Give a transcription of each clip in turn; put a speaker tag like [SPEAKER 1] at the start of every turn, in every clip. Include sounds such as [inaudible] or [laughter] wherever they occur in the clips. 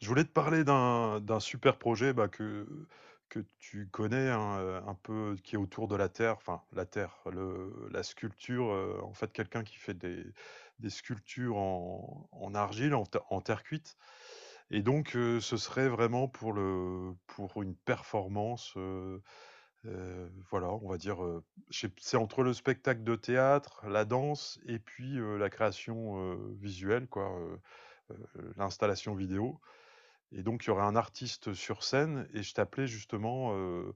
[SPEAKER 1] Je voulais te parler d'un super projet bah, que tu connais hein, un peu, qui est autour de la Terre, enfin la Terre, la sculpture, en fait quelqu'un qui fait des sculptures en argile, en terre cuite. Et donc ce serait vraiment pour une performance, voilà, on va dire, c'est entre le spectacle de théâtre, la danse et puis la création visuelle, quoi. Euh, L'installation vidéo. Et donc, il y aurait un artiste sur scène et je t'appelais justement heu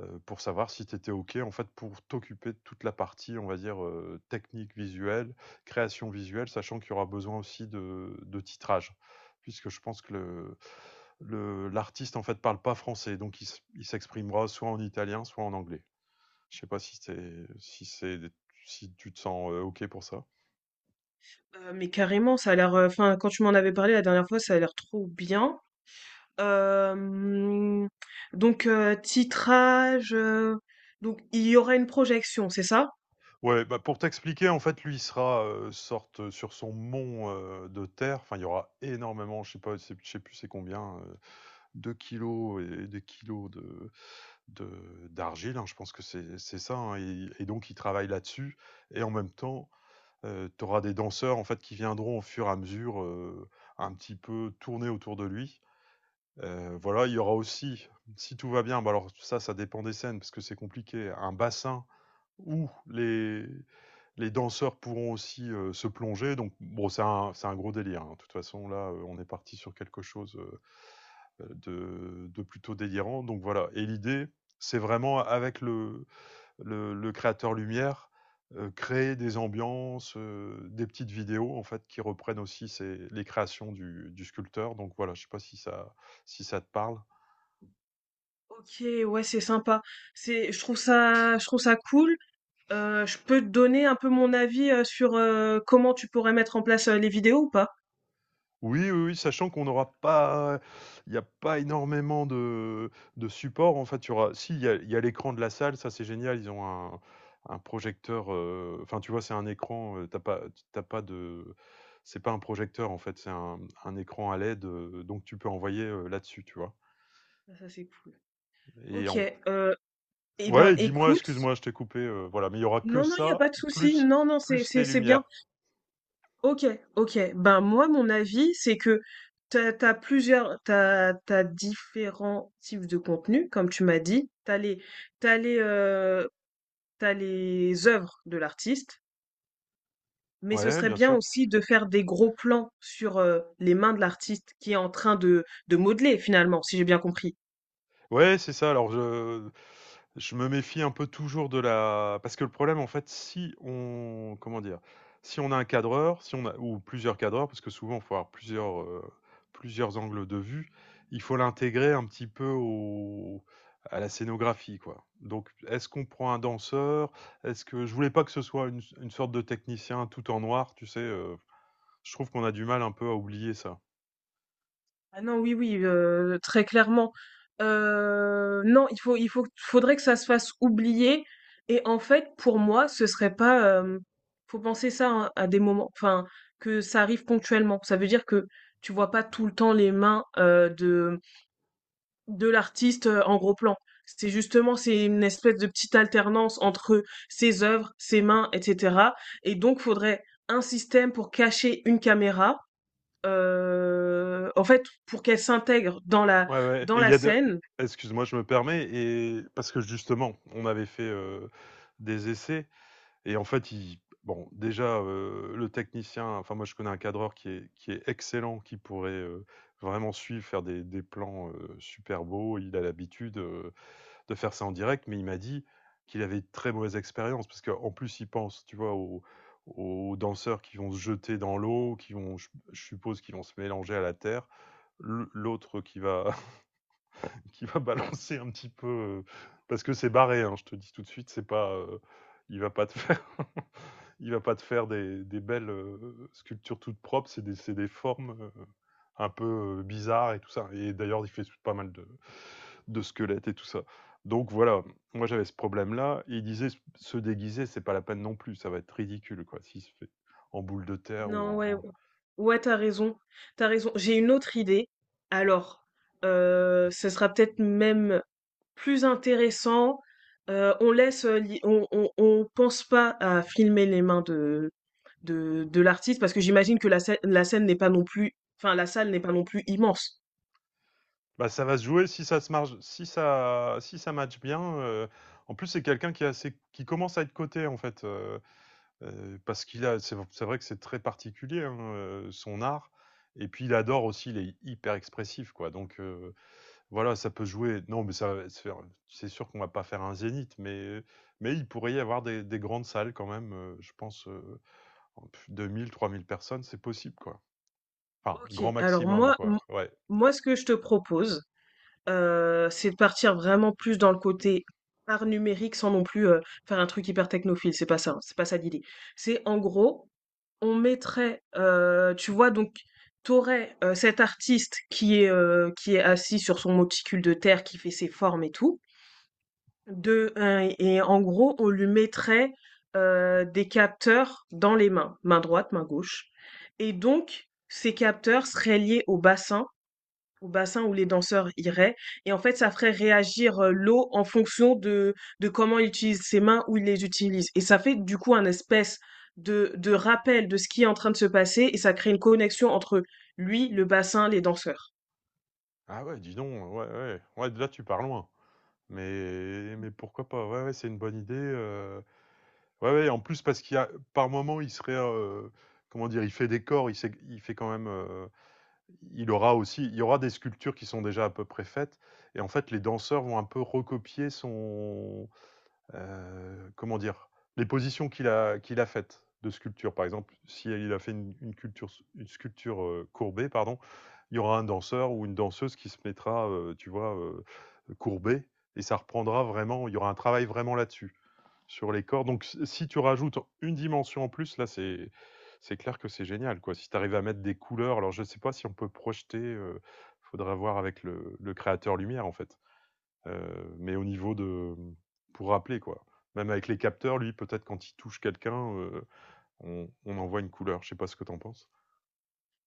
[SPEAKER 1] heu, pour savoir si tu étais OK, en fait, pour t'occuper de toute la partie, on va dire, technique visuelle, création visuelle, sachant qu'il y aura besoin aussi de titrage. Puisque je pense que le l'artiste, en fait, parle pas français, donc il s'exprimera soit en italien, soit en anglais. Je sais pas si tu te sens, OK pour ça?
[SPEAKER 2] Mais carrément, ça a l'air. Enfin, quand tu m'en avais parlé la dernière fois, ça a l'air trop bien. Euh, donc, titrage. Donc, il y aura une projection, c'est ça?
[SPEAKER 1] Ouais, bah, pour t'expliquer, en fait, lui, il sera, sorte, sur son mont, de terre. Enfin, il y aura énormément, je sais pas, c'est je sais plus c'est combien, 2 kg et des kilos de d'argile, hein, je pense que c'est ça, hein et donc il travaille là-dessus et en même temps, tu auras des danseurs, en fait, qui viendront au fur et à mesure, un petit peu tourner autour de lui. Voilà, il y aura aussi, si tout va bien, bah, alors ça dépend des scènes parce que c'est compliqué, un bassin où les danseurs pourront aussi se plonger. Donc, bon, c'est un gros délire. Hein. De toute façon, là, on est parti sur quelque chose de plutôt délirant. Donc, voilà. Et l'idée, c'est vraiment avec le créateur lumière, créer des ambiances, des petites vidéos, en fait, qui reprennent aussi les créations du sculpteur. Donc, voilà, je ne sais pas si ça, si ça te parle.
[SPEAKER 2] Ok, ouais, c'est sympa. C'est, je trouve ça cool. Je peux te donner un peu mon avis, sur, comment tu pourrais mettre en place, les vidéos ou pas?
[SPEAKER 1] Oui, oui, oui, sachant qu'on n'aura pas il n'y a pas énormément de support, en fait, il y aura si il y a l'écran de la salle, ça c'est génial, ils ont un projecteur, enfin, tu vois, c'est un écran, tu pas t'as pas de c'est pas un projecteur, en fait, c'est un écran à LED, donc tu peux envoyer, là-dessus, tu vois?
[SPEAKER 2] Ah ça, c'est cool.
[SPEAKER 1] Et
[SPEAKER 2] OK,
[SPEAKER 1] en
[SPEAKER 2] heu, eh ben,
[SPEAKER 1] Ouais, dis-moi,
[SPEAKER 2] écoute.
[SPEAKER 1] excuse-moi, je t'ai coupé, voilà, mais il y aura que
[SPEAKER 2] Non, non, il y a
[SPEAKER 1] ça,
[SPEAKER 2] pas de souci.
[SPEAKER 1] plus
[SPEAKER 2] Non, non, c'est
[SPEAKER 1] plus
[SPEAKER 2] c'est
[SPEAKER 1] les
[SPEAKER 2] c'est bien.
[SPEAKER 1] lumières.
[SPEAKER 2] Ok, ok. Ben moi, mon avis, c'est que t'as différents types de contenus, comme tu m'as dit. T'as les, euh, T'as les œuvres de l'artiste, mais ce
[SPEAKER 1] Ouais,
[SPEAKER 2] serait
[SPEAKER 1] bien
[SPEAKER 2] bien
[SPEAKER 1] sûr.
[SPEAKER 2] aussi de faire des gros plans sur les mains de l'artiste qui est en train de modeler finalement, si j'ai bien compris.
[SPEAKER 1] Ouais, c'est ça. Alors je me méfie un peu toujours de la parce que le problème, en fait, si on comment dire? Si on a un cadreur, si on a ou plusieurs cadreurs, parce que souvent, il faut avoir plusieurs angles de vue, il faut l'intégrer un petit peu au à la scénographie, quoi. Donc est-ce qu'on prend un danseur? Est-ce que je voulais pas que ce soit une sorte de technicien tout en noir, tu sais, Je trouve qu'on a du mal un peu à oublier ça.
[SPEAKER 2] Ah non, oui, oui, très clairement. Non, il faut, faudrait que ça se fasse oublier. Et en fait, pour moi, ce serait pas, hem Faut penser ça, hein, à des moments. Enfin, que ça arrive ponctuellement. Ça veut dire que tu vois pas tout le temps les mains, de l'artiste, en gros plan. C'est justement c'est une espèce de petite alternance entre ses œuvres, ses mains et cetera. Et donc faudrait un système pour cacher une caméra. En fait, pour qu'elle s'intègre
[SPEAKER 1] Ouais, ouais
[SPEAKER 2] dans
[SPEAKER 1] et il
[SPEAKER 2] la
[SPEAKER 1] y a de
[SPEAKER 2] scène.
[SPEAKER 1] excuse-moi, je me permets parce que justement, on avait fait, des essais et en fait, il bon, déjà, le technicien enfin moi, je connais un cadreur qui est excellent, qui pourrait, vraiment suivre, faire des plans, super beaux. Il a l'habitude, de faire ça en direct, mais il m'a dit qu'il avait de très mauvaise expérience parce qu'en plus, il pense, tu vois, aux danseurs qui vont se jeter dans l'eau, qui vont je suppose qui vont se mélanger à la terre. L'autre qui va [laughs] balancer un petit peu parce que c'est barré. Hein, je te dis tout de suite, c'est pas, il va pas te [laughs] faire, il va pas te faire des belles sculptures toutes propres. C'est des formes un peu bizarres et tout ça. Et d'ailleurs, il fait pas mal de squelettes et tout ça. Donc voilà, moi j'avais ce problème-là. Et il disait se déguiser, c'est pas la peine non plus. Ça va être ridicule quoi, s'il se fait en boule de terre ou
[SPEAKER 2] Non, ouais,
[SPEAKER 1] en,
[SPEAKER 2] ou ouais, t'as raison. J'ai une autre idée. Alors, ce sera peut-être même plus intéressant. On laisse, li on on pense pas à filmer les mains de l'artiste, parce que j'imagine que la scène n'est pas non plus. Enfin, la salle n'est pas non plus immense.
[SPEAKER 1] Bah, ça va se jouer si ça si ça match bien, en plus, c'est quelqu'un qui est assez qui commence à être coté, en fait, parce qu'il a c'est vrai que c'est très particulier, hein, son art et puis il adore aussi, il est hyper expressif, quoi, donc voilà, ça peut jouer. Non, mais ça va se faire, c'est sûr qu'on va pas faire un zénith, mais il pourrait y avoir des grandes salles quand même, je pense, 2 000-3 000 personnes, c'est possible, quoi. Enfin,
[SPEAKER 2] OK,
[SPEAKER 1] grand
[SPEAKER 2] alors
[SPEAKER 1] maximum, quoi, ouais.
[SPEAKER 2] moi, ce que je te propose, c'est de partir vraiment plus dans le côté art numérique, sans non plus, faire un truc hyper technophile, c'est pas ça, hein, c'est pas ça l'idée. C'est en gros, on mettrait, tu vois. Donc cet artiste qui est assis sur son monticule de terre, qui fait ses formes et tout, de un. Et en gros, on lui mettrait, des capteurs dans les mains, main droite, main gauche, et donc ces capteurs seraient liés au bassin où les danseurs iraient. Et en fait, ça ferait réagir l'eau en fonction de comment il utilise ses mains, où il les utilise. Et ça fait du coup un espèce de rappel de ce qui est en train de se passer, et ça crée une connexion entre lui, le bassin, les danseurs.
[SPEAKER 1] Ah ouais, dis donc, ouais, ouais, ouais, là, tu pars loin. Mais pourquoi pas? Ouais, ouais, c'est une bonne idée, ouais, ouais, en plus parce qu'il y a par moment, il serait, comment dire? Il fait décor, il fait quand même, il y aura des sculptures qui sont déjà à peu près faites et en fait, les danseurs vont un peu recopier son comment dire, les positions qu'il a faites de sculpture. Par exemple, si il a fait une sculpture courbée, pardon, il y aura un danseur ou une danseuse qui se mettra, tu vois, courbée, et ça reprendra vraiment, il y aura un travail vraiment là-dessus, sur les corps. Donc si tu rajoutes une dimension en plus, là, c'est... C'est clair que c'est génial, quoi. Si tu arrives à mettre des couleurs, alors je ne sais pas si on peut projeter, il faudra voir avec le créateur lumière, en fait. Mais au niveau de pour rappeler quoi. Même avec les capteurs, lui, peut-être quand il touche quelqu'un, on en voit une couleur. Je sais pas ce que t'en penses?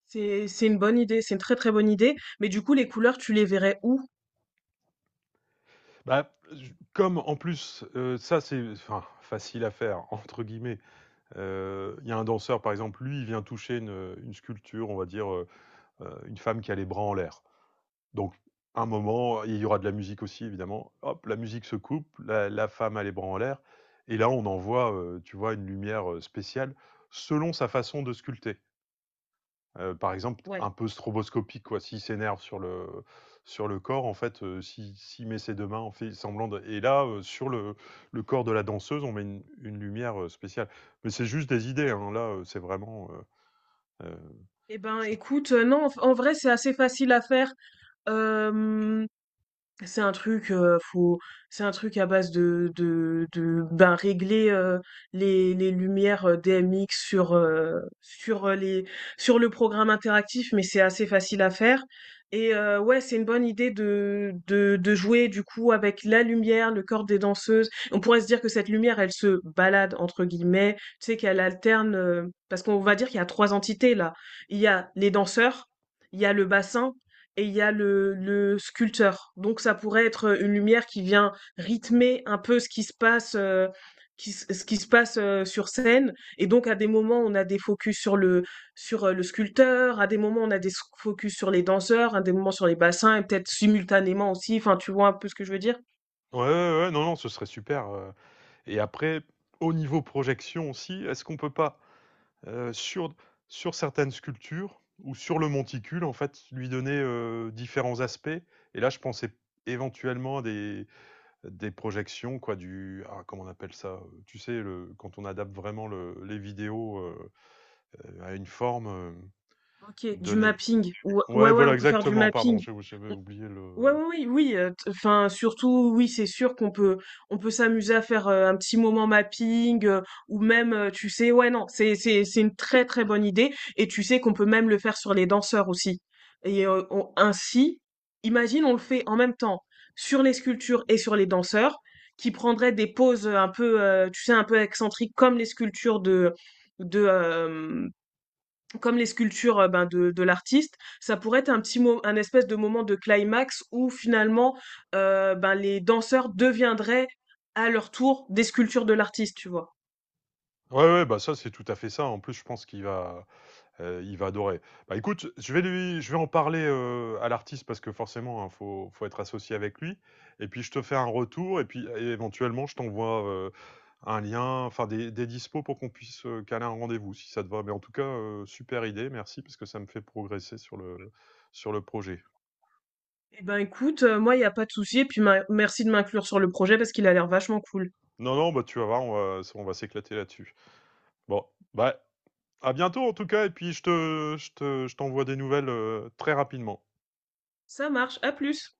[SPEAKER 2] C'est une bonne idée, c'est une très très bonne idée. Mais du coup, les couleurs, tu les verrais où?
[SPEAKER 1] Bah, j comme en plus, ça c'est enfin «facile à faire» [laughs] entre guillemets. Il y a un danseur par exemple, lui, il vient toucher une sculpture, on va dire, une femme qui a les bras en l'air. Donc, un moment, il y aura de la musique aussi, évidemment. Hop, la musique se coupe, la femme a les bras en l'air. Et là, on envoie, tu vois, une lumière spéciale selon sa façon de sculpter. Par exemple,
[SPEAKER 2] Ouais.
[SPEAKER 1] un peu stroboscopique, quoi. S'il s'énerve sur le corps, en fait, s'il met ses deux mains, en fait semblant de... Et là, sur le corps de la danseuse, on met une lumière spéciale. Mais c'est juste des idées, hein. Là, c'est vraiment... euh,
[SPEAKER 2] Eh ben,
[SPEAKER 1] je-
[SPEAKER 2] écoute, non, en en vrai, c'est assez facile à faire. Euh, C'est un truc, faut c'est un truc à base de ben, régler, les lumières, DMX sur, sur, les sur le programme interactif. Mais c'est assez facile à faire. Et ouais, c'est une bonne idée de jouer, du coup, avec la lumière, le corps des danseuses. On pourrait se dire que cette lumière, elle se «balade» entre guillemets, tu sais, qu'elle alterne, parce qu'on va dire qu'il y a 3 entités là. Il y a les danseurs, il y a le bassin, et il y a le sculpteur. Donc ça pourrait être une lumière qui vient rythmer un peu ce qui se passe, ce qui se passe sur scène. Et donc à des moments on a des focus sur le sculpteur, à des moments on a des focus sur les danseurs, à des moments sur les bassins, et peut-être simultanément aussi. Enfin tu vois un peu ce que je veux dire?
[SPEAKER 1] Ouais, ouais, ouais, non, non, ce serait super. Et après, au niveau projection aussi, est-ce qu'on peut pas, euh, sur, sur certaines sculptures ou sur le monticule, en fait, lui donner différents aspects. Et là, je pensais éventuellement à des projections, quoi, du... Ah, comment on appelle ça Tu sais, quand on adapte vraiment les vidéos à une forme
[SPEAKER 2] Ok, du
[SPEAKER 1] donnée.
[SPEAKER 2] mapping. Ou- ouais,
[SPEAKER 1] Ouais,
[SPEAKER 2] ouais,
[SPEAKER 1] voilà,
[SPEAKER 2] on peut faire du
[SPEAKER 1] exactement, pardon,
[SPEAKER 2] mapping.
[SPEAKER 1] j'avais oublié
[SPEAKER 2] Ouais,
[SPEAKER 1] le...
[SPEAKER 2] ouais, oui, oui, t enfin, surtout, oui, c'est sûr qu'on peut on peut s'amuser à faire, un petit moment mapping, tu sais, ouais, non, c'est une très, très bonne idée, et tu sais qu'on peut même le faire sur les danseurs aussi. Et on ainsi, imagine, on le fait en même temps sur les sculptures et sur les danseurs qui prendraient des poses, un peu, tu sais, un peu excentriques comme les sculptures de, comme les sculptures ben, de l'artiste. Ça pourrait être un un espèce de moment de climax où finalement ben, les danseurs deviendraient à leur tour des sculptures de l'artiste, tu vois.
[SPEAKER 1] Ouais, ouais, bah ça, c'est tout à fait ça. En plus, je pense qu'il va... Il va adorer. Bah, écoute, je vais en parler, à l'artiste parce que forcément, hein, faut être associé avec lui et puis je te fais un retour et puis é éventuellement, je t'envoie, un lien, enfin des dispos pour qu'on puisse, caler un rendez-vous si ça te va. Mais en tout cas, super idée, merci parce que ça me fait progresser sur le projet.
[SPEAKER 2] Eh ben écoute, moi il n'y a pas de souci, et puis merci de m'inclure sur le projet parce qu'il a l'air vachement cool.
[SPEAKER 1] Non, non, bah, tu vas voir, on va s'éclater là-dessus. Bon, bah, à bientôt en tout cas et puis je t'envoie des nouvelles, très rapidement.
[SPEAKER 2] Ça marche, à plus.